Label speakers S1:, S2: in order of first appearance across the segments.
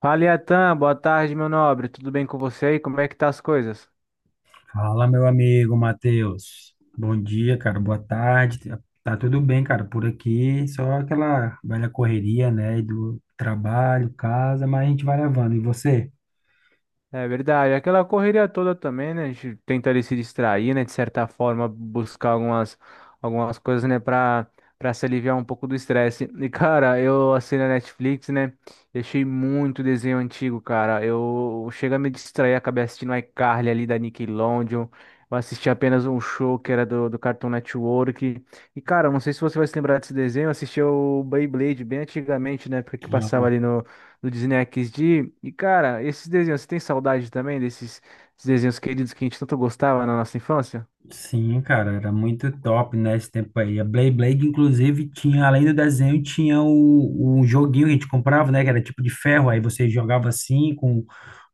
S1: Fala, Iatan, boa tarde, meu nobre. Tudo bem com você aí? Como é que tá as coisas?
S2: Fala, meu amigo Matheus. Bom dia, cara. Boa tarde. Tá tudo bem, cara, por aqui. Só aquela velha correria, né? E do trabalho, casa, mas a gente vai levando. E você?
S1: É verdade, aquela correria toda também, né? A gente tenta ali se distrair, né? De certa forma, buscar algumas coisas, né? Pra se aliviar um pouco do estresse. E, cara, eu assinei a Netflix, né? E achei muito desenho antigo, cara. Eu chego a me distrair, acabei assistindo iCarly ali da Nickelodeon. Eu assisti apenas um show que era do Cartoon Network. E, cara, não sei se você vai se lembrar desse desenho. Eu assisti o Beyblade bem antigamente, né? Porque passava
S2: Ah,
S1: ali do Disney XD. E, cara, esses desenhos, você tem saudade também desses desenhos queridos que a gente tanto gostava na nossa infância?
S2: sim, cara, era muito top, né? Esse tempo aí. A Blade Blade, inclusive, tinha, além do desenho, tinha o joguinho que a gente comprava, né? Que era tipo de ferro. Aí você jogava assim com,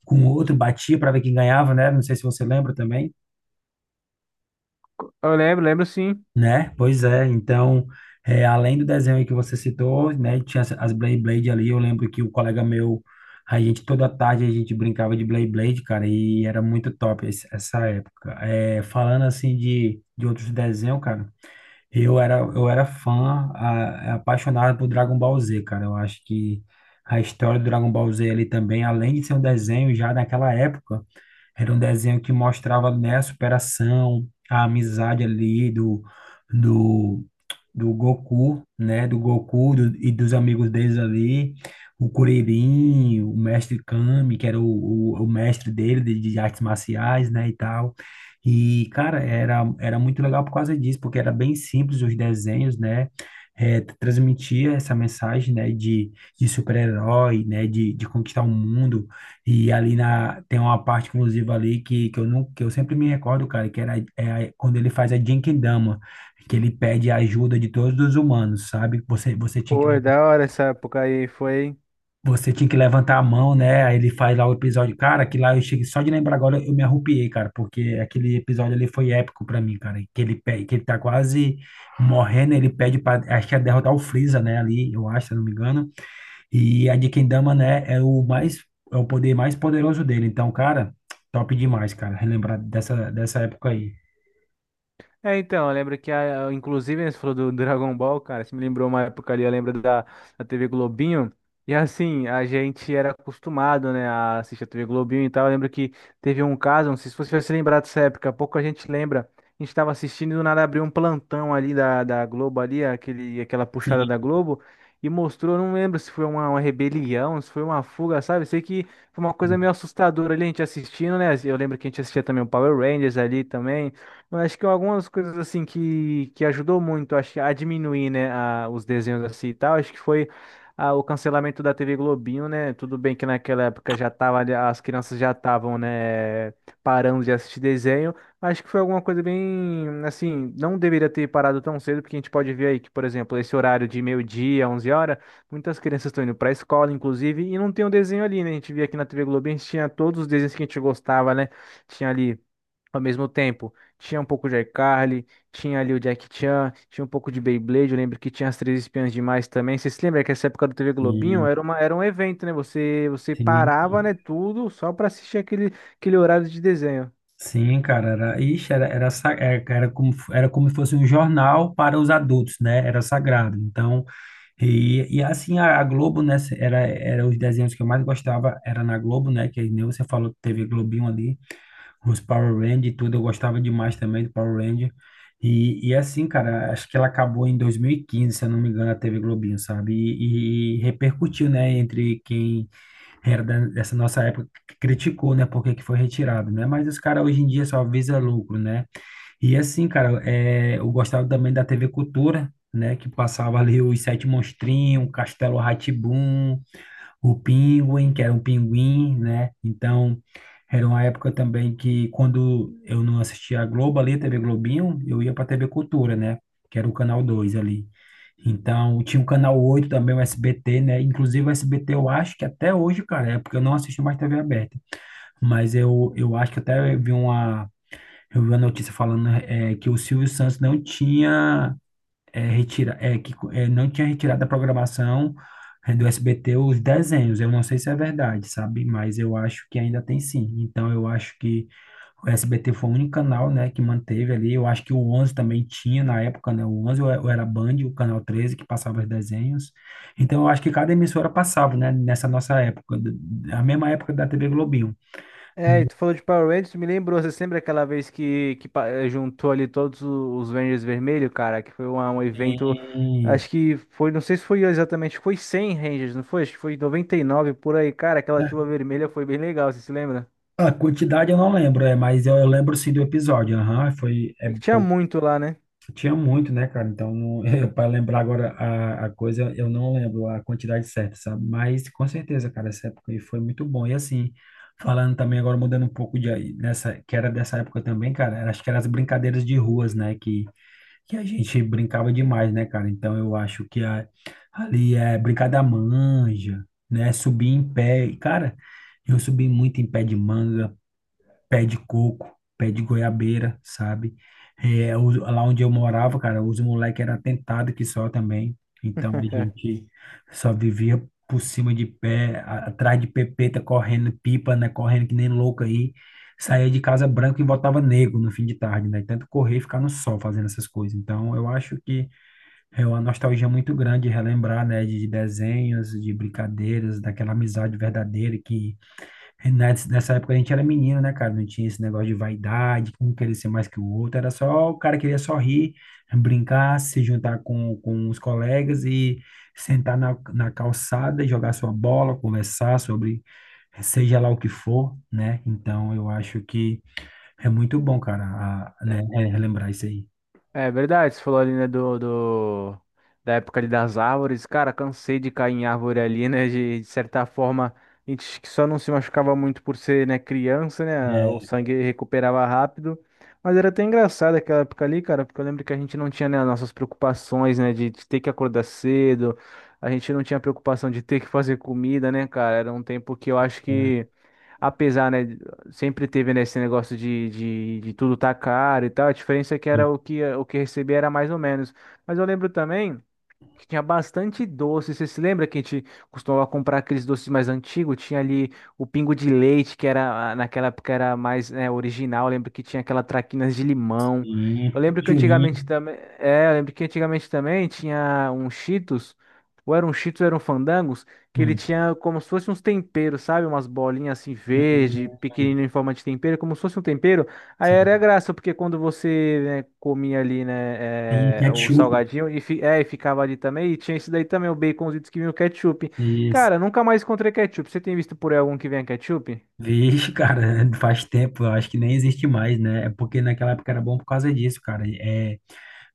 S2: com outro, batia para ver quem ganhava, né? Não sei se você lembra também.
S1: Eu lembro, lembro sim.
S2: Né? Pois é, então, além do desenho aí que você citou, né, tinha as Beyblade ali, eu lembro que o colega meu, a gente toda tarde a gente brincava de Beyblade, cara, e era muito top essa época. É, falando assim de outros desenhos, cara, eu era fã, apaixonado por Dragon Ball Z, cara, eu acho que a história do Dragon Ball Z ali também, além de ser um desenho, já naquela época, era um desenho que mostrava, né, a superação, a amizade ali do, do Goku, né, e dos amigos deles ali, o Kuririn, o Mestre Kami, que era o mestre dele de artes marciais, né, e tal. E, cara, era muito legal por causa disso, porque era bem simples os desenhos, né, transmitia essa mensagem, né, de super-herói, né, de conquistar o mundo, e ali na, tem uma parte, inclusive, ali eu não, que eu sempre me recordo, cara, que era quando ele faz a Genkidama, que ele pede a ajuda de todos os humanos, sabe? Você, você tinha que,
S1: Pô, é da hora essa época aí, foi.
S2: você tinha que levantar a mão, né? Aí ele faz lá o episódio. Cara, que lá eu cheguei só de lembrar agora, eu me arrupiei, cara, porque aquele episódio ali foi épico pra mim, cara. Que ele tá quase morrendo, ele pede pra, acho que é derrotar o Freeza, né? Ali, eu acho, se eu não me engano. E a de Kendama, né, é o poder mais poderoso dele. Então, cara, top demais, cara, relembrar dessa época aí.
S1: É, então, eu lembro que, a, inclusive, né, você falou do Dragon Ball, cara, você me lembrou uma época ali, eu lembro da TV Globinho, e assim, a gente era acostumado, né, a assistir a TV Globinho e tal, eu lembro que teve um caso, não sei se você vai se lembrar dessa época, pouco a gente lembra, a gente tava assistindo e do nada abriu um plantão ali da Globo ali, aquele, aquela puxada
S2: Sim,
S1: da Globo, e mostrou, eu não lembro se foi uma rebelião, se foi uma fuga, sabe, sei que foi uma coisa meio assustadora ali, a gente assistindo, né, eu lembro que a gente assistia também o Power Rangers ali também, eu acho que algumas coisas assim que ajudou muito acho, que a diminuir, né, a- os desenhos assim e tal, acho que foi o cancelamento da TV Globinho, né? Tudo bem que naquela época já tava, ali- as crianças já estavam, né, parando de assistir desenho, mas acho que foi alguma coisa bem, assim, não deveria ter parado tão cedo, porque a gente pode ver aí que, por exemplo, esse horário de meio-dia, 11 horas, muitas crianças estão indo para a escola, inclusive, e não tem um desenho ali, né? A gente via aqui na TV Globinho, a gente tinha todos os desenhos que a gente gostava, né? Tinha ali. Ao mesmo tempo, tinha um pouco de iCarly, tinha ali o Jack Chan, tinha um pouco de Beyblade. Eu lembro que tinha as Três Espiãs Demais também. Vocês se lembram que essa época do TV Globinho
S2: sim,
S1: era uma, era um evento, né? Você, você parava, né,
S2: sim,
S1: tudo só para assistir aquele horário de desenho.
S2: sim, cara, era, ixi, era, era, sa- era, era como se fosse um jornal para os adultos, né, era sagrado. Então, e assim, a Globo, né, era os desenhos que eu mais gostava, era na Globo, né, que nem você falou, teve Globinho ali. Os Power Rangers e tudo, eu gostava demais também do Power Ranger. E assim, cara, acho que ela acabou em 2015 se eu não me engano, a TV Globinho, sabe? E repercutiu, né, entre quem era dessa nossa época, que criticou, né, porque que foi retirado, né? Mas os caras hoje em dia só visa lucro, né? E assim, cara, eu gostava também da TV Cultura, né, que passava ali os Sete Monstrinhos, Castelo rá tim o Penguin, que era um pinguim, né? Então, era uma época também que quando eu não assistia a Globo ali, TV Globinho, eu ia para TV Cultura, né? Que era o canal 2 ali. Então, tinha o canal 8 também, o SBT, né? Inclusive o SBT eu acho que até hoje, cara, é porque eu não assisto mais TV aberta. Mas eu acho que até eu vi uma notícia falando que o Silvio Santos não tinha é, retira, é, que é, não tinha retirado da programação do SBT os desenhos. Eu não sei se é verdade, sabe? Mas eu acho que ainda tem sim. Então eu acho que o SBT foi o único canal, né, que manteve ali. Eu acho que o 11 também tinha na época, né? O 11 ou ou era Band, o canal 13 que passava os desenhos. Então eu acho que cada emissora passava, né, nessa nossa época, a mesma época da TV Globinho.
S1: É, e tu falou de Power Rangers, me lembrou. Você se lembra aquela vez que pa- juntou ali todos o- os Rangers vermelho, cara? Que foi uma- um evento.
S2: E
S1: Acho que foi, não sei se foi exatamente, foi 100 Rangers, não foi? Acho que foi 99 por aí, cara. Aquela
S2: é,
S1: chuva vermelha foi bem legal, você se lembra?
S2: a quantidade eu não lembro, mas eu lembro sim do episódio. Aham, foi,
S1: É que tinha muito lá, né?
S2: tinha muito, né, cara? Então, não, para lembrar agora a coisa, eu não lembro a quantidade certa, sabe? Mas com certeza, cara, essa época aí foi muito bom. E assim, falando também agora, mudando um pouco de aí, nessa, que era dessa época também, cara, acho que eram as brincadeiras de ruas, né? Que a gente brincava demais, né, cara? Então eu acho que ali é brincar da manja, né? Subir em pé. E, cara, eu subi muito em pé de manga, pé de coco, pé de goiabeira, sabe? É, lá onde eu morava, cara, os moleques eram atentados que só também. Então a gente só vivia por cima de pé, atrás de pepeta, correndo pipa, né? Correndo que nem louco aí. Saía de casa branco e voltava negro no fim de tarde, né? Tanto correr e ficar no sol fazendo essas coisas. Então eu acho que é uma nostalgia muito grande relembrar, né? De desenhos, de brincadeiras, daquela amizade verdadeira que nessa época a gente era menino, né, cara? Não tinha esse negócio de vaidade, um querer ser mais que o outro. Era só o cara queria só rir, brincar, se juntar com os colegas e sentar na calçada, e jogar sua bola, conversar sobre seja lá o que for, né? Então eu acho que é muito bom, cara, né, relembrar isso aí.
S1: É verdade, você falou ali, né, do, do- da época ali das árvores. Cara, cansei de cair em árvore ali, né? De certa forma, a gente que só não se machucava muito por ser, né, criança, né? O
S2: É,
S1: sangue recuperava rápido. Mas era até engraçado aquela época ali, cara, porque eu lembro que a gente não tinha, né, nossas preocupações, né, de ter que acordar cedo. A gente não tinha preocupação de ter que fazer comida, né, cara? Era um tempo que eu acho que apesar, né, sempre teve, né, esse negócio de tudo tá caro e tal, a diferença é que
S2: e,
S1: era o que recebia era mais ou menos. Mas eu lembro também que tinha bastante doce. Você se lembra que a gente costumava comprar aqueles doces mais antigos? Tinha ali o pingo de leite, que era naquela época era mais, né, original. Eu lembro que tinha aquela traquinas de limão.
S2: e
S1: Eu lembro que
S2: pichulinha.
S1: antigamente também, é, eu lembro que antigamente também tinha um Cheetos, ou era um Cheetos, ou era um Fandangos, que ele
S2: Hum,
S1: tinha como se fosse uns temperos, sabe? Umas bolinhas assim verde,
S2: hum, hum,
S1: pequenino em forma de tempero, como se fosse um tempero. Aí era a
S2: sim.
S1: graça, porque quando você, né, comia ali,
S2: E
S1: né, é, o
S2: ketchup.
S1: salgadinho e, fi- é, e ficava ali também, e tinha isso daí também, o baconzitos que vinha o ketchup.
S2: Isso.
S1: Cara, nunca mais encontrei ketchup. Você tem visto por aí algum que venha ketchup?
S2: Vixe, cara, faz tempo, eu acho que nem existe mais, né? É porque naquela época era bom por causa disso, cara. É,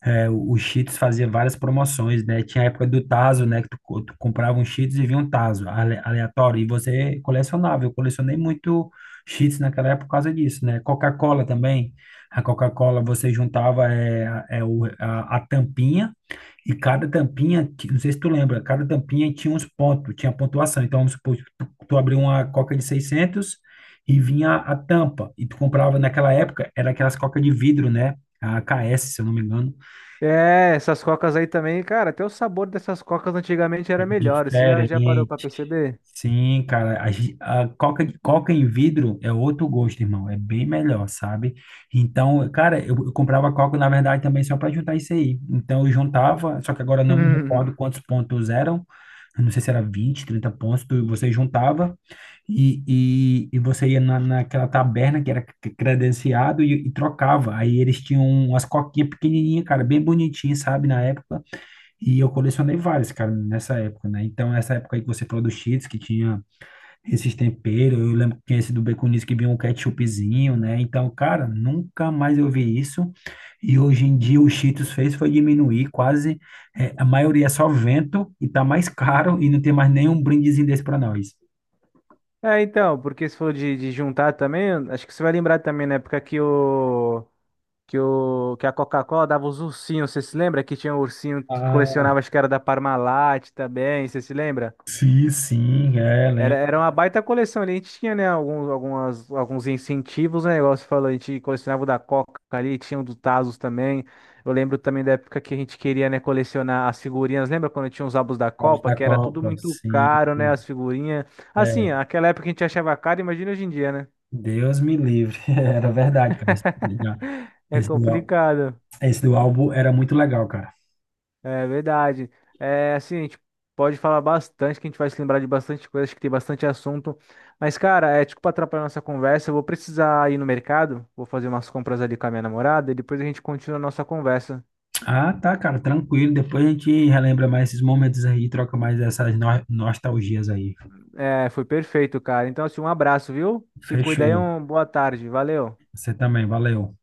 S2: é, O Cheetos fazia várias promoções, né? Tinha a época do Tazo, né? Que tu comprava um Cheetos e vinha um Tazo aleatório, e você colecionava. Eu colecionei muito Cheetos naquela época por causa disso, né? Coca-Cola também. A Coca-Cola você juntava a tampinha. E cada tampinha, não sei se tu lembra, cada tampinha tinha uns pontos, tinha pontuação. Então, vamos supor, tu abriu uma coca de 600 e vinha a tampa. E tu comprava, naquela época, era aquelas coca de vidro, né? A AKS, se eu não me engano.
S1: É, essas cocas aí também, cara, até o sabor dessas cocas antigamente
S2: É
S1: era melhor. Você já, já parou pra
S2: diferente.
S1: perceber?
S2: Sim, cara, a coca, coca em vidro é outro gosto, irmão. É bem melhor, sabe? Então, cara, eu comprava coca, na verdade, também só para juntar isso aí. Então, eu juntava, só que agora eu não me recordo quantos pontos eram, eu não sei se era 20, 30 pontos, você juntava e você ia na, naquela taberna que era credenciado e trocava. Aí eles tinham umas coquinhas pequenininhas, cara, bem bonitinhas, sabe, na época. E eu colecionei várias, cara, nessa época, né? Então, essa época aí que você falou do Cheetos, que tinha esses temperos. Eu lembro que tinha esse do Baconzitos que vinha um ketchupzinho, né? Então, cara, nunca mais eu vi isso. E hoje em dia o Cheetos fez foi diminuir quase, a maioria é só vento e tá mais caro e não tem mais nenhum brindezinho desse para nós.
S1: É, então, porque se for de juntar também, acho que você vai lembrar também na época que o que, o, que a Coca-Cola dava os ursinhos, você se lembra? Que tinha um ursinho que
S2: Ah,
S1: colecionava, acho que era da Parmalat também, você se lembra?
S2: sim, sim,
S1: Era,
S2: lembro.
S1: era uma baita coleção ali, a gente tinha, né, alguns, algumas, alguns incentivos, né, negócio falou, a gente colecionava o da Coca ali, tinha o do Tazos também, eu lembro também da época que a gente queria, né, colecionar as figurinhas, lembra quando tinha os álbuns da
S2: Ovos
S1: Copa,
S2: da
S1: que era tudo
S2: Copa,
S1: muito
S2: sim.
S1: caro, né, as figurinhas, assim,
S2: É,
S1: aquela época a gente achava caro, imagina hoje em dia, né,
S2: Deus me livre. Era verdade, cara.
S1: é
S2: Esse do ál-
S1: complicado.
S2: esse do álbum era muito legal, cara.
S1: É verdade. É assim, a gente pode falar bastante, que a gente vai se lembrar de bastante coisa, acho que tem bastante assunto. Mas, cara, é desculpa atrapalhar nossa conversa. Eu vou precisar ir no mercado, vou fazer umas compras ali com a minha namorada e depois a gente continua a nossa conversa.
S2: Ah, tá, cara, tranquilo. Depois a gente relembra mais esses momentos aí, troca mais essas nostalgias aí.
S1: É, foi perfeito, cara. Então, assim, um abraço, viu? Se cuida aí,
S2: Fechou.
S1: um boa tarde. Valeu.
S2: Você também, valeu.